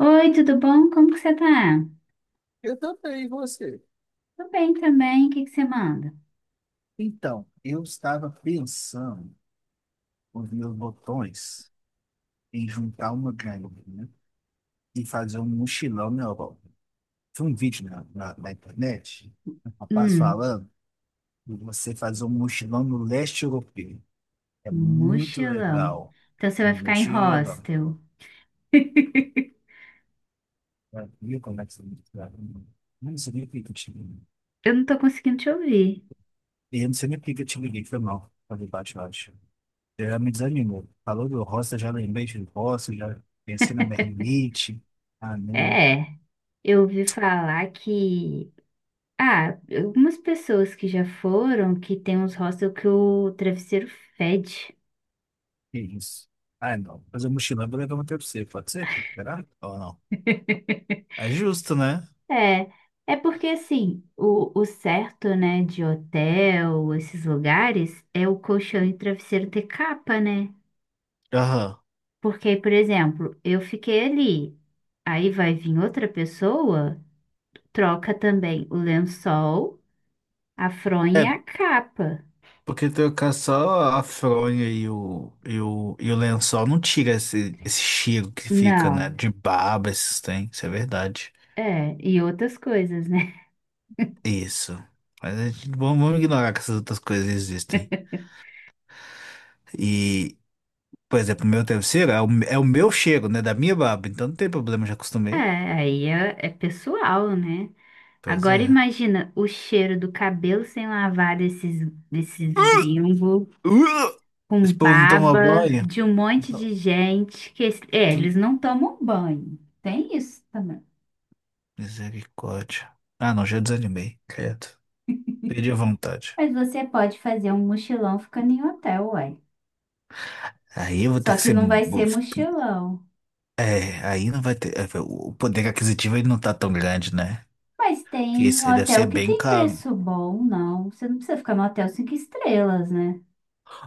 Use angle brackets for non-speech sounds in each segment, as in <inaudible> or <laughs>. Oi, tudo bom? Como que você tá? Eu também, e você? Tô bem também. O que que você manda? Então, eu estava pensando, quando vi os botões, em juntar uma graninha e fazer um mochilão na Europa. Tem um vídeo na internet, um rapaz Hum, falando de você fazer um mochilão no leste europeu. É muito mochilão. legal. Então você vai Um ficar em mochilão. hostel. Já viu como é que você me. Eu não sei nem por que eu te liguei. Eu não tô conseguindo te ouvir. Eu não sei nem por que eu te liguei, foi mal. Falei baixo, baixo. Já me desanimou. Falou do roça, já lembrei de roça, já pensei na mermite. Ah, não. É, eu ouvi falar que... Ah, algumas pessoas que já foram, que tem uns hostels que o travesseiro fede. Que isso? Ah, não. Fazer mochilão, eu vou levar uma pra você. Pode ser? Será? Ou não? É justo, né? É, é porque assim, o certo, né, de hotel, esses lugares, é o colchão e o travesseiro ter capa, né? Aham. Porque, por exemplo, eu fiquei ali, aí vai vir outra pessoa, troca também o lençol, a fronha e É, a capa. porque trocar só a fronha e o, e o lençol não tira esse cheiro que fica, né? Não, De baba, esses tem. Isso é verdade. é, e outras coisas, né? <laughs> Isso. Mas vamos ignorar que essas outras coisas existem. e Por exemplo, o meu travesseiro é o meu cheiro, né? Da minha barba. Então não tem problema, já É, acostumei. aí é pessoal, né? Pois Agora é. imagina o cheiro do cabelo sem lavar desses gringos, Uh! com Esse povo não toma baba, banho. de um monte Não, de gente que, é, que eles não tomam banho. Tem isso também. misericórdia. Ah, não, já desanimei. Credo. Perdi a vontade. Mas você pode fazer um mochilão ficando em hotel, ué. Aí eu vou ter Só que que ser. não vai ser vou- mochilão. É, aí não vai ter. O poder aquisitivo ele não tá tão grande, né? Mas tem Isso aí deve ser hotel que bem tem caro. preço bom, não. Você não precisa ficar no hotel cinco estrelas, né?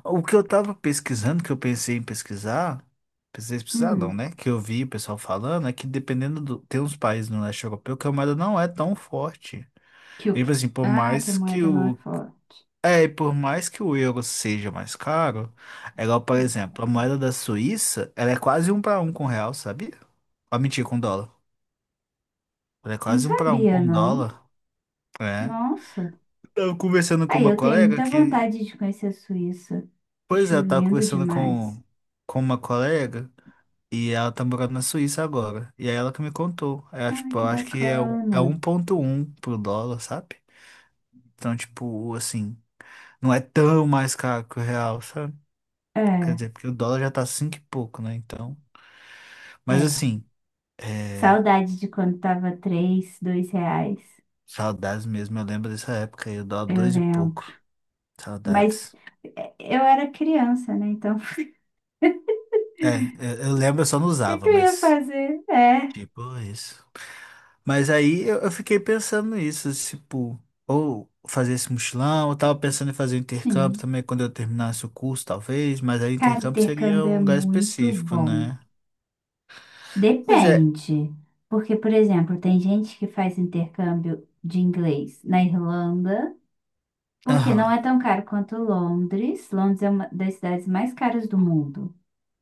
O que eu tava pesquisando, que eu pensei em pesquisar não, Hum, né? Que eu vi o pessoal falando, é que dependendo do. Tem uns países no leste europeu que a moeda não é tão forte. que o E, que... tipo assim, por Ah, que a mais que moeda não é o. forte. É, e por mais que o euro seja mais caro, é igual, por Hum, exemplo, a moeda da Suíça, ela é quase um para um com o real, sabia? Ah, mentira, com dólar. Ela é Não quase um para um sabia, com não. dólar, é. Nossa. Tava conversando com Aí uma eu tenho colega muita que. vontade de conhecer a Suíça. Pois Acho é, eu tava lindo conversando demais. com uma colega. E ela tá morando na Suíça agora. E é ela que me contou. É, Ah, tipo, eu que acho que é, é bacana. um ponto um pro dólar, sabe? Então, tipo, assim, não é tão mais caro que o real, sabe? Quer É, dizer, porque o dólar já tá cinco e pouco, né? Então. Mas é. assim, é, Saudade de quando tava três, R$ 2. saudades mesmo. Eu lembro dessa época aí, o dólar Eu dois e lembro. pouco. Mas Saudades. eu era criança, né? Então É, eu lembro, eu só não que usava, eu ia mas, fazer? É, tipo, isso. Mas aí eu fiquei pensando nisso, tipo, ou fazer esse mochilão, eu tava pensando em fazer um intercâmbio sim. também quando eu terminasse o curso, talvez, mas aí Cara, intercâmbio seria intercâmbio é um lugar muito específico, bom. né? Pois é, Depende. Porque, por exemplo, tem gente que faz intercâmbio de inglês na Irlanda, porque não aham, é tão caro quanto Londres. Londres é uma das cidades mais caras do mundo.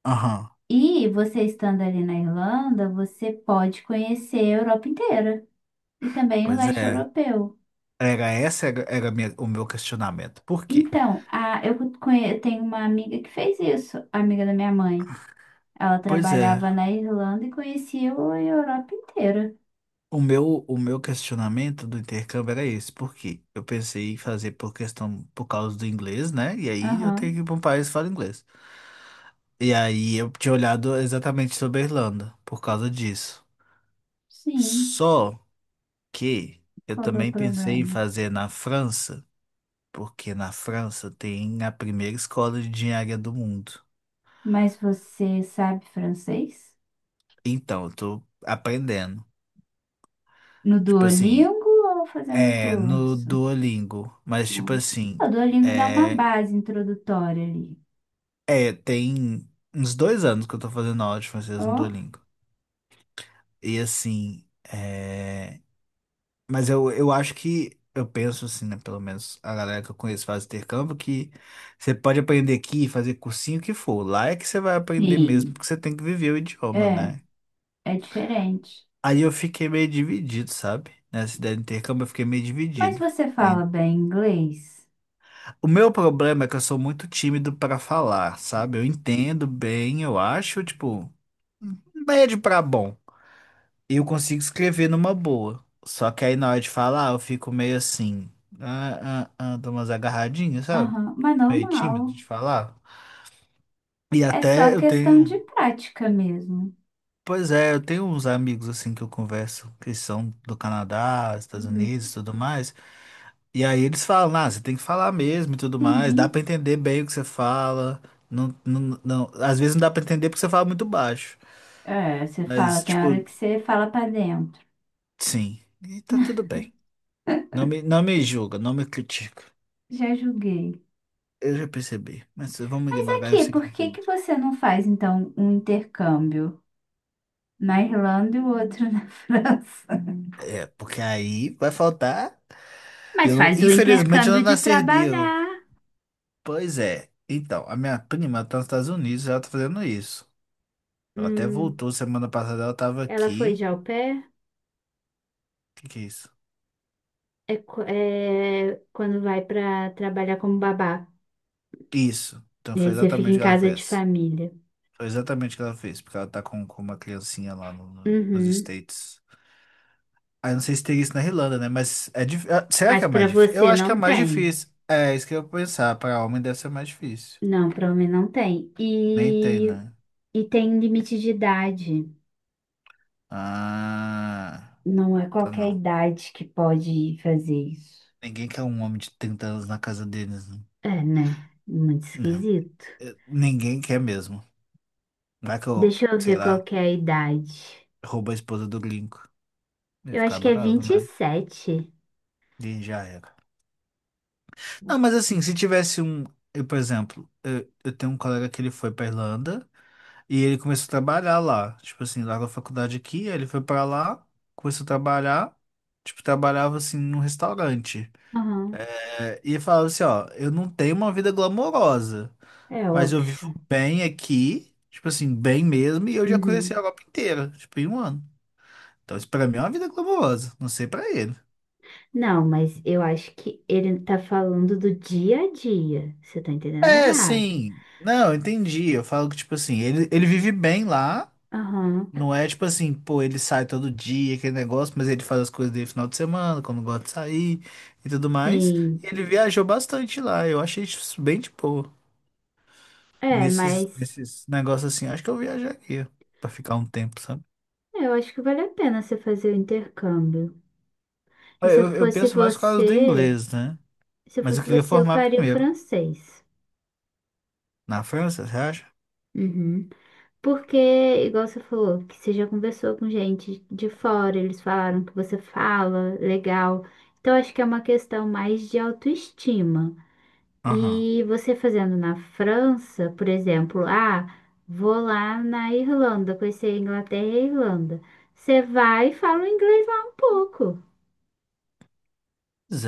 aham, E você estando ali na Irlanda, você pode conhecer a Europa inteira e também o pois leste é. europeu. Era esse era, era a minha- o meu questionamento. Por quê? Então, eu tenho uma amiga que fez isso, amiga da minha mãe. Ela Pois é, trabalhava na Irlanda e conhecia a Europa inteira. o meu questionamento do intercâmbio era esse, por quê? Eu pensei em fazer por questão, por causa do inglês, né? E aí eu tenho Aham, que ir para um país que fala inglês. E aí eu tinha olhado exatamente sobre a Irlanda, por causa disso. sim. Só que eu Qual que é o também pensei em problema? fazer na França, porque na França tem a primeira escola de engenharia do mundo. Mas você sabe francês? Então, eu tô aprendendo. No Tipo assim, Duolingo ou fazendo é no curso? Duolingo, mas tipo assim, Ah, o Duolingo dá uma é, base introdutória ali. é tem uns 2 anos que eu tô fazendo aula de francês no Ó, Duolingo. E assim, é. Mas eu acho que, eu penso assim, né? Pelo menos a galera que eu conheço faz intercâmbio, que você pode aprender aqui, fazer cursinho o que for. Lá é que você vai aprender mesmo, sim. porque você tem que viver o idioma, É, né? é diferente. Aí eu fiquei meio dividido, sabe? Nessa ideia de intercâmbio eu fiquei meio Mas dividido. você Em- fala bem inglês? O meu problema é que eu sou muito tímido para falar, sabe? Eu entendo bem, eu acho, tipo, médio para bom. E eu consigo escrever numa boa. Só que aí na hora de falar, eu fico meio assim, ah, ah, ah, dou umas agarradinhas, sabe? Aham, mas Meio normal. tímido de falar. E É só até eu questão de tenho. prática mesmo. Pois é, eu tenho uns amigos assim que eu converso, que são do Canadá, Estados Uhum. Unidos e tudo mais. E aí eles falam, ah, você tem que falar mesmo e tudo mais, dá pra Sim. entender bem o que você fala. Não, não, não, às vezes não dá pra entender porque você fala muito baixo. É, você fala, Mas, tem hora tipo, que você fala pra dentro. sim, e tá tudo bem. Não me julga, não me critica. Já julguei. Eu já percebi, mas vamos Mas ignorar e aqui, seguir por em que que frente. você não faz então um intercâmbio na Irlanda e o outro na <laughs> França? É, porque aí vai faltar. Eu Mas não, faz o Infelizmente eu não intercâmbio de nasci herdeiro. trabalhar. Pois é. Então, a minha prima tá nos Estados Unidos, ela tá fazendo isso. Ela até Hum, voltou semana passada, ela tava ela foi de aqui. au pair? O que que é isso? É, é quando vai pra trabalhar como babá. Isso. Então E foi aí você fica exatamente o em que ela casa de fez. família. Foi exatamente o que ela fez, porque ela tá com uma criancinha lá nos Uhum. States. Aí não sei se teria isso na Irlanda, né? Mas será que Mas é pra mais difícil? Eu você acho que é não mais tem. difícil. É, isso que eu ia pensar. Para homem deve ser mais difícil. Não, pra mim não tem. Nem tem, E, né? e tem limite de idade. Ah, Não é então qualquer não. idade que pode fazer isso. Ninguém quer um homem de 30 anos na casa deles, né? É, né? Muito Não. esquisito. Ninguém quer mesmo. Vai que eu, Deixa eu sei ver qual lá, que é a idade. roubo a esposa do gringo. Ele ia Eu acho ficar que é bravo, vinte e né? sete. E já era. Não, mas assim, se tivesse um. Eu, por exemplo, eu tenho um colega que ele foi pra Irlanda e ele começou a trabalhar lá. Tipo assim, largou a faculdade aqui, aí ele foi pra lá, começou a trabalhar. Tipo, trabalhava assim num restaurante. Aham, É, e falava assim, ó, eu não tenho uma vida glamourosa, é mas eu vivo óbvio. bem aqui, tipo assim, bem mesmo, e eu já conheci a Uhum. Europa inteira, tipo, em um ano. Então, isso pra mim é uma vida glamourosa. Não sei pra ele. Não, mas eu acho que ele tá falando do dia a dia. Você tá entendendo É, errado. sim. Não, entendi. Eu falo que, tipo assim, ele vive bem lá. Aham. Não é tipo assim, pô, ele sai todo dia, aquele negócio, mas ele faz as coisas dele final de semana, quando gosta de sair e tudo mais. E Sim. ele viajou bastante lá. Eu achei isso bem de boa. É, Nesses, mas nesses negócios assim, acho que eu viajaria pra ficar um tempo, sabe? eu acho que vale a pena você fazer o intercâmbio. E se eu Eu fosse penso mais por causa do você, inglês, né? se eu Mas eu fosse queria você, eu formar faria o primeiro. francês. Na França, você acha? Uhum. Porque, igual você falou, que você já conversou com gente de fora, eles falaram que você fala legal. Então, acho que é uma questão mais de autoestima. Aham. E você fazendo na França, por exemplo, ah, vou lá na Irlanda, conhecer a Inglaterra e a Irlanda. Você vai e fala o inglês lá um pouco.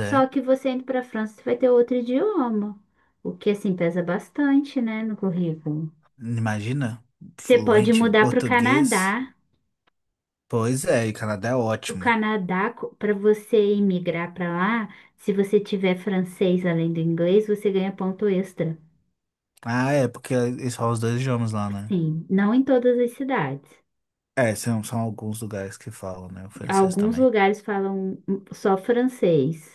Só que você indo para a França, você vai ter outro idioma. O que, assim, pesa bastante, né, no currículo. Imagina, Você pode fluente em mudar para o português. Canadá. Pois é, e Canadá é O ótimo. Canadá, para você emigrar para lá, se você tiver francês além do inglês, você ganha ponto extra. Ah, é, porque eles falam os dois idiomas lá, né? Sim, não em todas as cidades. É, são alguns lugares que falam, né? O francês Alguns também. lugares falam só francês.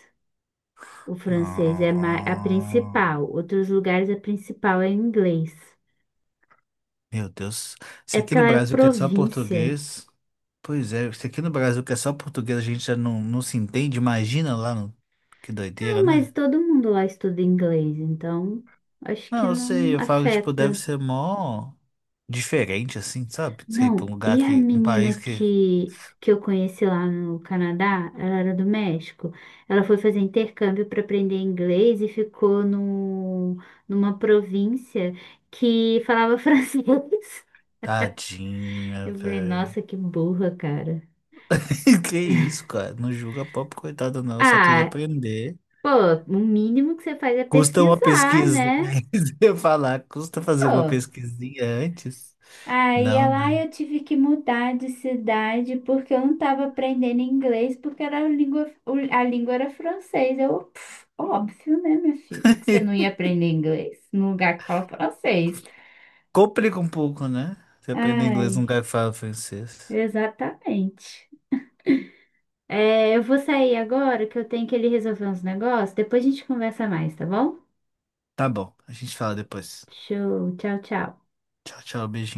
O francês é a Ah, principal. Outros lugares a principal é inglês. meu Deus. Se É aqui porque no ela é Brasil que é só província. português. Pois é, se aqui no Brasil que é só português a gente já não se entende, imagina lá no. Que doideira, Não, mas né? todo mundo lá estuda inglês, então acho que Não, eu não sei, eu falo que, tipo, deve afeta. ser mó diferente, assim, sabe? Sei, pra um Não, lugar e a que. Um país menina que que eu conheci lá no Canadá, ela era do México. Ela foi fazer intercâmbio para aprender inglês e ficou no, numa província que falava <laughs> francês. tadinha, Eu falei, velho. nossa, que burra, cara. <laughs> Que isso, cara? Não julga a pobre coitada, não. Eu só queria Ah, aprender. pô, o mínimo que você faz é Custa uma pesquisar, pesquisa. né? <laughs> Se eu falar, custa fazer uma Pô. pesquisinha antes? Aí Não, lá né? eu tive que mudar de cidade porque eu não estava aprendendo inglês, porque era a língua, a língua era francês. Eu, pff, óbvio, né, minha filha, que você não ia <laughs> aprender inglês num lugar que fala francês. Complica um pouco, né? Você aprender Ai, inglês num lugar que fala francês. exatamente. É, eu vou sair agora que eu tenho que ele resolver uns negócios. Depois a gente conversa mais, tá bom? Tá bom, a gente fala depois. Show, tchau, tchau. Tchau, tchau, beijinho.